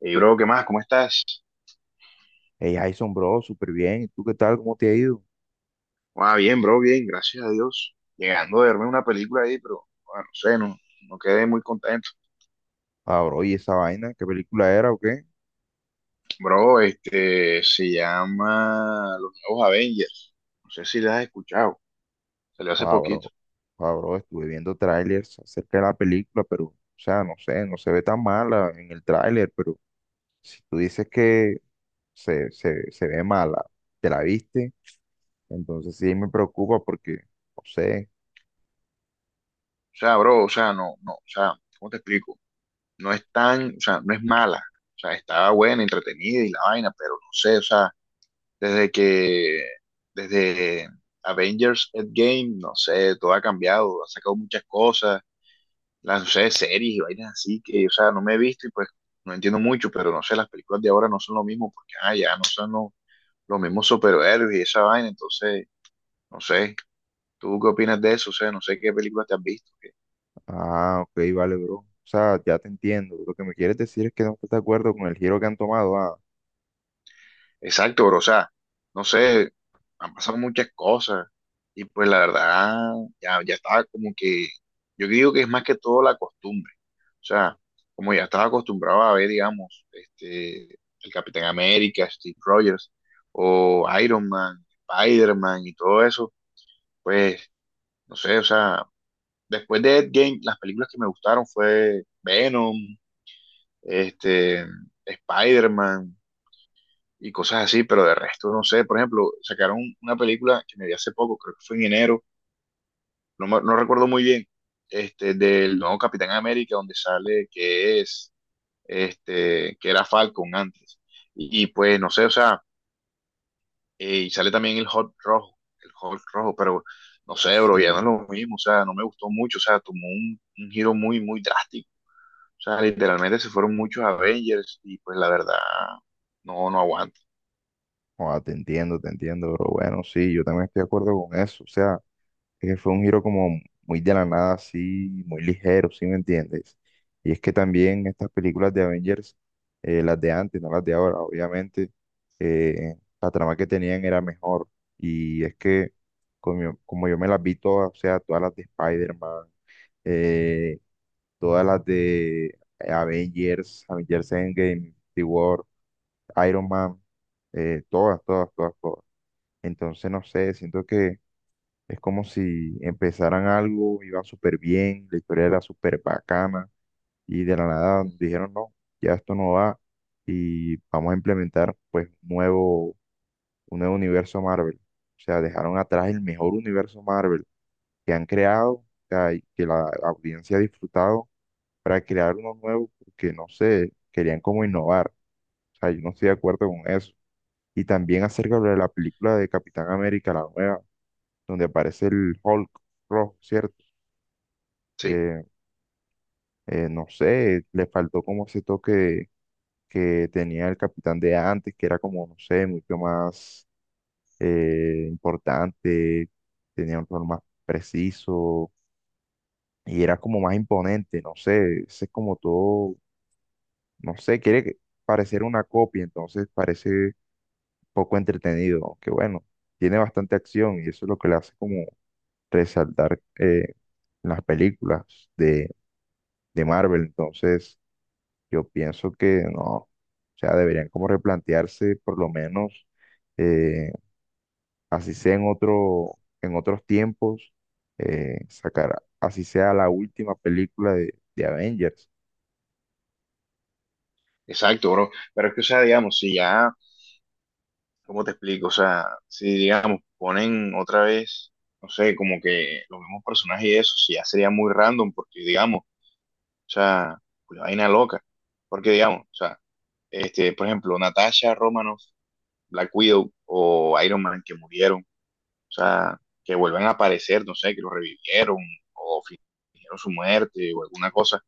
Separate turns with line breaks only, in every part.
Hey, bro, ¿qué más? ¿Cómo estás?
Hey, Jason, bro, súper bien. ¿Y tú qué tal? ¿Cómo te ha ido?
Ah, bien, bro, bien, gracias a Dios. Llegando a verme una película ahí, pero bueno, no sé, no quedé muy contento.
Ah, bro, ¿y esa vaina? ¿Qué película era o qué?
Bro, este se llama Los Nuevos Avengers. No sé si la has escuchado. Salió hace
Ah,
poquito.
bro, ah, bro, estuve viendo trailers acerca de la película, pero, o sea, no sé, no se ve tan mala en el tráiler, pero si tú dices que se ve mala, ¿te la viste? Entonces sí me preocupa porque, no sé.
O sea, bro, o sea, no, no, o sea, ¿cómo te explico? No es tan, o sea, no es mala. O sea, estaba buena, entretenida y la vaina, pero no sé, o sea, desde que, desde Avengers Endgame, no sé, todo ha cambiado, ha sacado muchas cosas las, no sé, series y vainas así que, o sea, no me he visto y pues no entiendo mucho, pero no sé, las películas de ahora no son lo mismo porque, ah, ya no son los mismos superhéroes y esa vaina, entonces, no sé, ¿tú qué opinas de eso? O sea, no sé qué películas te has visto.
Ah, ok, vale, bro. O sea, ya te entiendo. Lo que me quieres decir es que no estás de acuerdo con el giro que han tomado. Ah,
Exacto, bro. O sea, no sé, han pasado muchas cosas y pues la verdad, ya estaba como que, yo digo que es más que todo la costumbre. O sea, como ya estaba acostumbrado a ver, digamos, este, el Capitán América, Steve Rogers o Iron Man, Spider-Man y todo eso, pues, no sé, o sea, después de Endgame, las películas que me gustaron fue Venom, este, Spider-Man y cosas así, pero de resto no sé. Por ejemplo, sacaron una película que me vi hace poco, creo que fue en enero, no, no recuerdo muy bien, este, del nuevo Capitán América, donde sale que es, este, que era Falcon antes. Pues no sé, o sea, y sale también el Hulk rojo, pero no sé, bro, ya no es
sí.
lo mismo, o sea, no me gustó mucho, o sea, tomó un giro muy, muy drástico. O sea, literalmente se fueron muchos Avengers y pues la verdad, no aguanto.
Joda, te entiendo, pero bueno, sí, yo también estoy de acuerdo con eso. O sea, es que fue un giro como muy de la nada, así, muy ligero, ¿sí me entiendes? Y es que también estas películas de Avengers, las de antes, no las de ahora, obviamente, eh, la trama que tenían era mejor. Y es que, como yo me las vi todas, o sea, todas las de Spider-Man, eh, todas las de Avengers, Avengers Endgame, The War, Iron Man, todas. Entonces, no sé, siento que es como si empezaran algo, iban súper bien, la historia era súper bacana y de la nada dijeron, no, ya esto no va y vamos a implementar pues un nuevo universo Marvel. O sea, dejaron atrás el mejor universo Marvel que han creado, o sea, y que la audiencia ha disfrutado para crear uno nuevo porque, no sé, querían como innovar. O sea, yo no estoy de acuerdo con eso. Y también acerca de la película de Capitán América, la nueva, donde aparece el Hulk rojo, ¿cierto?
Sí.
Eh, no sé, le faltó como ese toque que tenía el capitán de antes, que era como, no sé, mucho más importante, tenía un rol más preciso y era como más imponente, no sé, ese es como todo, no sé, parecer una copia, entonces parece poco entretenido, aunque bueno, tiene bastante acción y eso es lo que le hace como resaltar las películas de de Marvel. Entonces, yo pienso que no, o sea, deberían como replantearse por lo menos, eh, así sea en otro, en otros tiempos, sacar, así sea la última película de Avengers.
Exacto, bro. Pero es que, o sea, digamos, si ya, ¿cómo te explico? O sea, si, digamos, ponen otra vez, no sé, como que los mismos personajes y eso, si ya sería muy random, porque, digamos, o sea, una vaina loca. Porque, digamos, o sea, este, por ejemplo, Natasha Romanoff, Black Widow o Iron Man que murieron, o sea, que vuelven a aparecer, no sé, que los revivieron o fingieron su muerte o alguna cosa.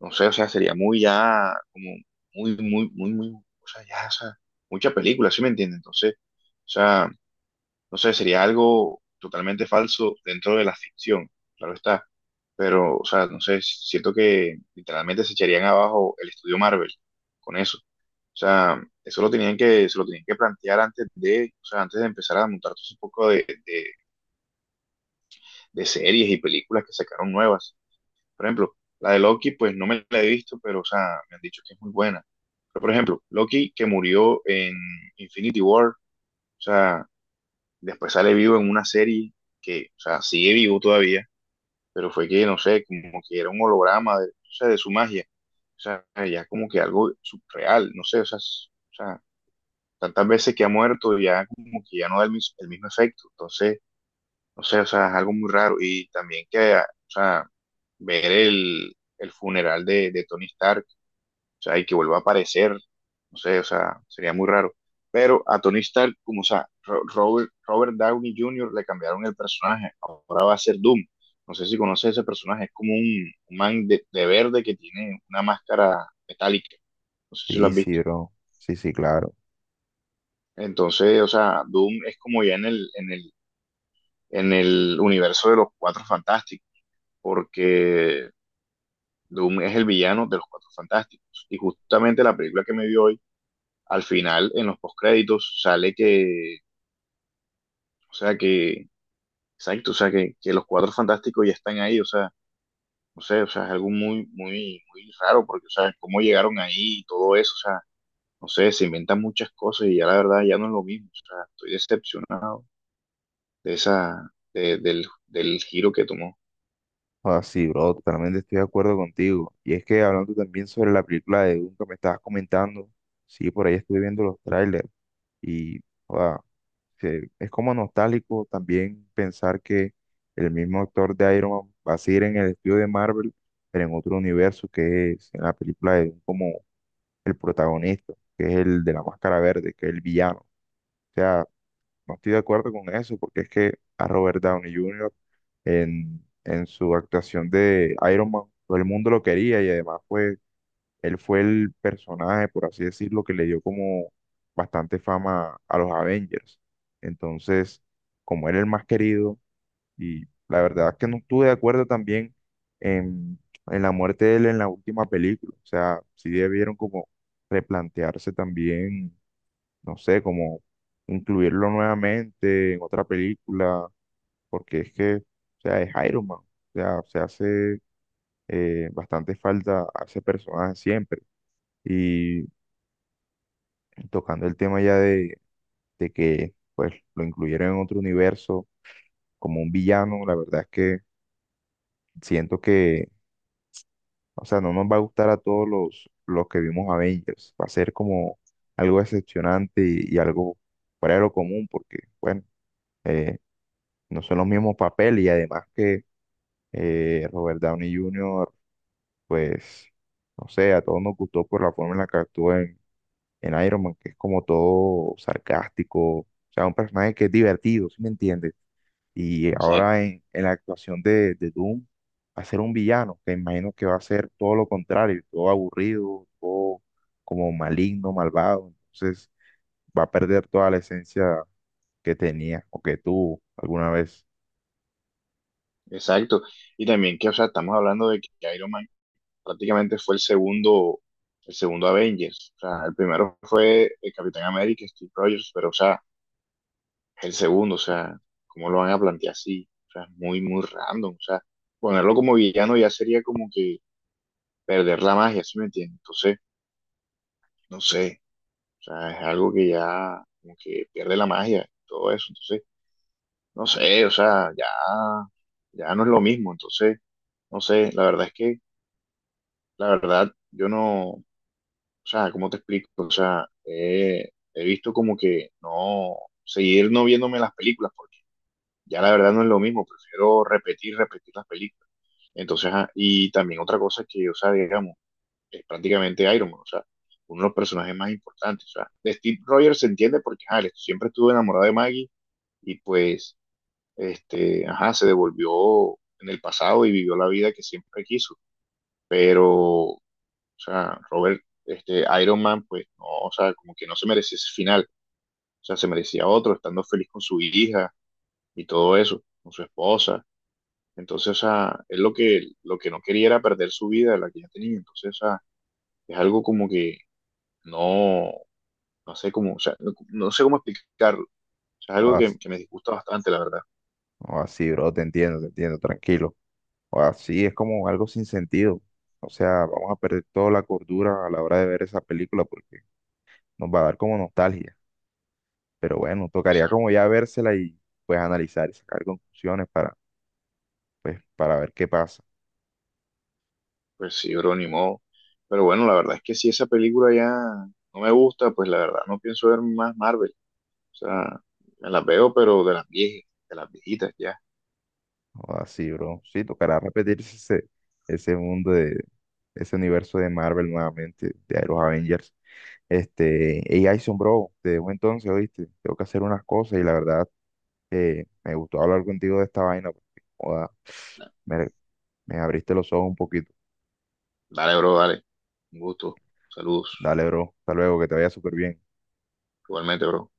No sé, o sea, sería muy ya, como muy, muy, muy, muy, o sea, ya, o sea, mucha película, ¿sí me entiendes? Entonces, o sea, no sé, sería algo totalmente falso dentro de la ficción, claro está, pero, o sea, no sé, siento que literalmente se echarían abajo el estudio Marvel con eso. O sea, eso lo tenían se lo tenían que plantear antes de, o sea, antes de empezar a montar todo ese poco de series y películas que sacaron nuevas. Por ejemplo, la de Loki, pues no me la he visto, pero, o sea, me han dicho que es muy buena. Pero, por ejemplo, Loki que murió en Infinity War, o sea, después sale vivo en una serie que, o sea, sigue vivo todavía, pero fue que, no sé, como que era un holograma de, o sea, de su magia. O sea, ya como que algo surreal, no sé, o sea, o sea, tantas veces que ha muerto, ya como que ya no da el, el mismo efecto. Entonces, no sé, o sea, es algo muy raro. Y también que, ah, o sea, ver el funeral de Tony Stark, o sea, y que vuelva a aparecer, no sé, o sea, sería muy raro. Pero a Tony Stark, como, o sea, Robert Downey Jr. le cambiaron el personaje, ahora va a ser Doom. No sé si conoces ese personaje, es como un man de verde que tiene una máscara metálica, no sé si lo
Sí,
has
sí,
visto.
bro. Sí, sí, claro.
Entonces, o sea, Doom es como ya en en el universo de los Cuatro Fantásticos, porque Doom es el villano de los Cuatro Fantásticos. Y justamente la película que me dio hoy, al final, en los postcréditos, sale que, o sea, que, exacto, o sea, que los Cuatro Fantásticos ya están ahí, o sea, no sé, o sea, es algo muy, muy, muy raro, porque, o sea, cómo llegaron ahí y todo eso, o sea, no sé, se inventan muchas cosas y ya la verdad ya no es lo mismo, o sea, estoy decepcionado de del giro que tomó.
Ah, sí, bro, totalmente estoy de acuerdo contigo. Y es que hablando también sobre la película de Dune que me estabas comentando, sí, por ahí estuve viendo los trailers y, joda, es como nostálgico también pensar que el mismo actor de Iron Man va a seguir en el estudio de Marvel, pero en otro universo que es en la película de Doom como el protagonista, que es el de la máscara verde, que es el villano. O sea, no estoy de acuerdo con eso, porque es que a Robert Downey Jr. en su actuación de Iron Man, todo el mundo lo quería y además fue él fue el personaje, por así decirlo, que le dio como bastante fama a los Avengers. Entonces, como era el más querido, y la verdad es que no estuve de acuerdo también en, en la muerte de él en la última película. O sea, sí debieron como replantearse también, no sé, como incluirlo nuevamente en otra película, porque es que, o sea, es Iron Man. O sea, se hace bastante falta a ese personaje siempre. Y tocando el tema ya de que pues lo incluyeron en otro universo como un villano, la verdad es que siento que, o sea, no nos va a gustar a todos los que vimos Avengers, va a ser como algo decepcionante y algo fuera de lo común porque, bueno, eh, no son los mismos papeles y además que Robert Downey Jr., pues, no sé, a todos nos gustó por la forma en la que actuó en Iron Man, que es como todo sarcástico, o sea, un personaje que es divertido, ¿sí me entiendes? Y
Exacto,
ahora en la actuación de Doom, va a ser un villano, que imagino que va a ser todo lo contrario, todo aburrido, todo como maligno, malvado. Entonces va a perder toda la esencia que tenía o que tuvo alguna vez.
exacto. Y también que, o sea, estamos hablando de que Iron Man prácticamente fue el segundo Avengers. O sea, el primero fue el Capitán América, Steve Rogers, pero o sea, el segundo, o sea, ¿cómo lo van a plantear así? O sea, es muy, muy random. O sea, ponerlo como villano ya sería como que perder la magia, ¿sí me entiendes? Entonces, no sé, o sea, es algo que ya como que pierde la magia, todo eso. Entonces, no sé, o sea, ya no es lo mismo. Entonces, no sé, la verdad es que, la verdad, yo no, o sea, ¿cómo te explico? O sea, he visto como que no, seguir no viéndome las películas, porque ya la verdad no es lo mismo, prefiero repetir las películas. Entonces, ajá, y también otra cosa que, o sea, digamos, es prácticamente Iron Man, o sea, uno de los personajes más importantes. O sea, de Steve Rogers se entiende porque, ajá, él siempre estuvo enamorado de Maggie y pues, este, ajá, se devolvió en el pasado y vivió la vida que siempre quiso. Pero o sea, Robert, este, Iron Man, pues no, o sea, como que no se merecía ese final. O sea, se merecía otro, estando feliz con su hija y todo eso, con su esposa. Entonces, o sea, él lo que no quería era perder su vida, la que ya tenía. Entonces, o sea, es algo como que no, no sé cómo, o sea, no, no sé cómo explicarlo. O sea, es algo
O
que me disgusta bastante, la verdad.
así, bro, te entiendo, tranquilo. O así es como algo sin sentido. O sea, vamos a perder toda la cordura a la hora de ver esa película porque nos va a dar como nostalgia. Pero bueno, tocaría como
Exacto.
ya vérsela y pues analizar y sacar conclusiones para pues para ver qué pasa.
Pues sí, bro, ni modo. Pero bueno, la verdad es que si esa película ya no me gusta, pues la verdad no pienso ver más Marvel. O sea, me las veo, pero de las viejas, de las viejitas ya.
O así, bro. Sí, tocará repetirse ese, ese mundo de ese universo de Marvel nuevamente, de los Avengers. Este, hey, Jason, bro, te dejo entonces, ¿oíste? Tengo que hacer unas cosas y la verdad me gustó hablar contigo de esta vaina porque, joda, me, me abriste los ojos un poquito.
Dale, bro, dale. Un gusto. Saludos.
Dale, bro. Hasta luego, que te vaya súper bien.
Igualmente, bro.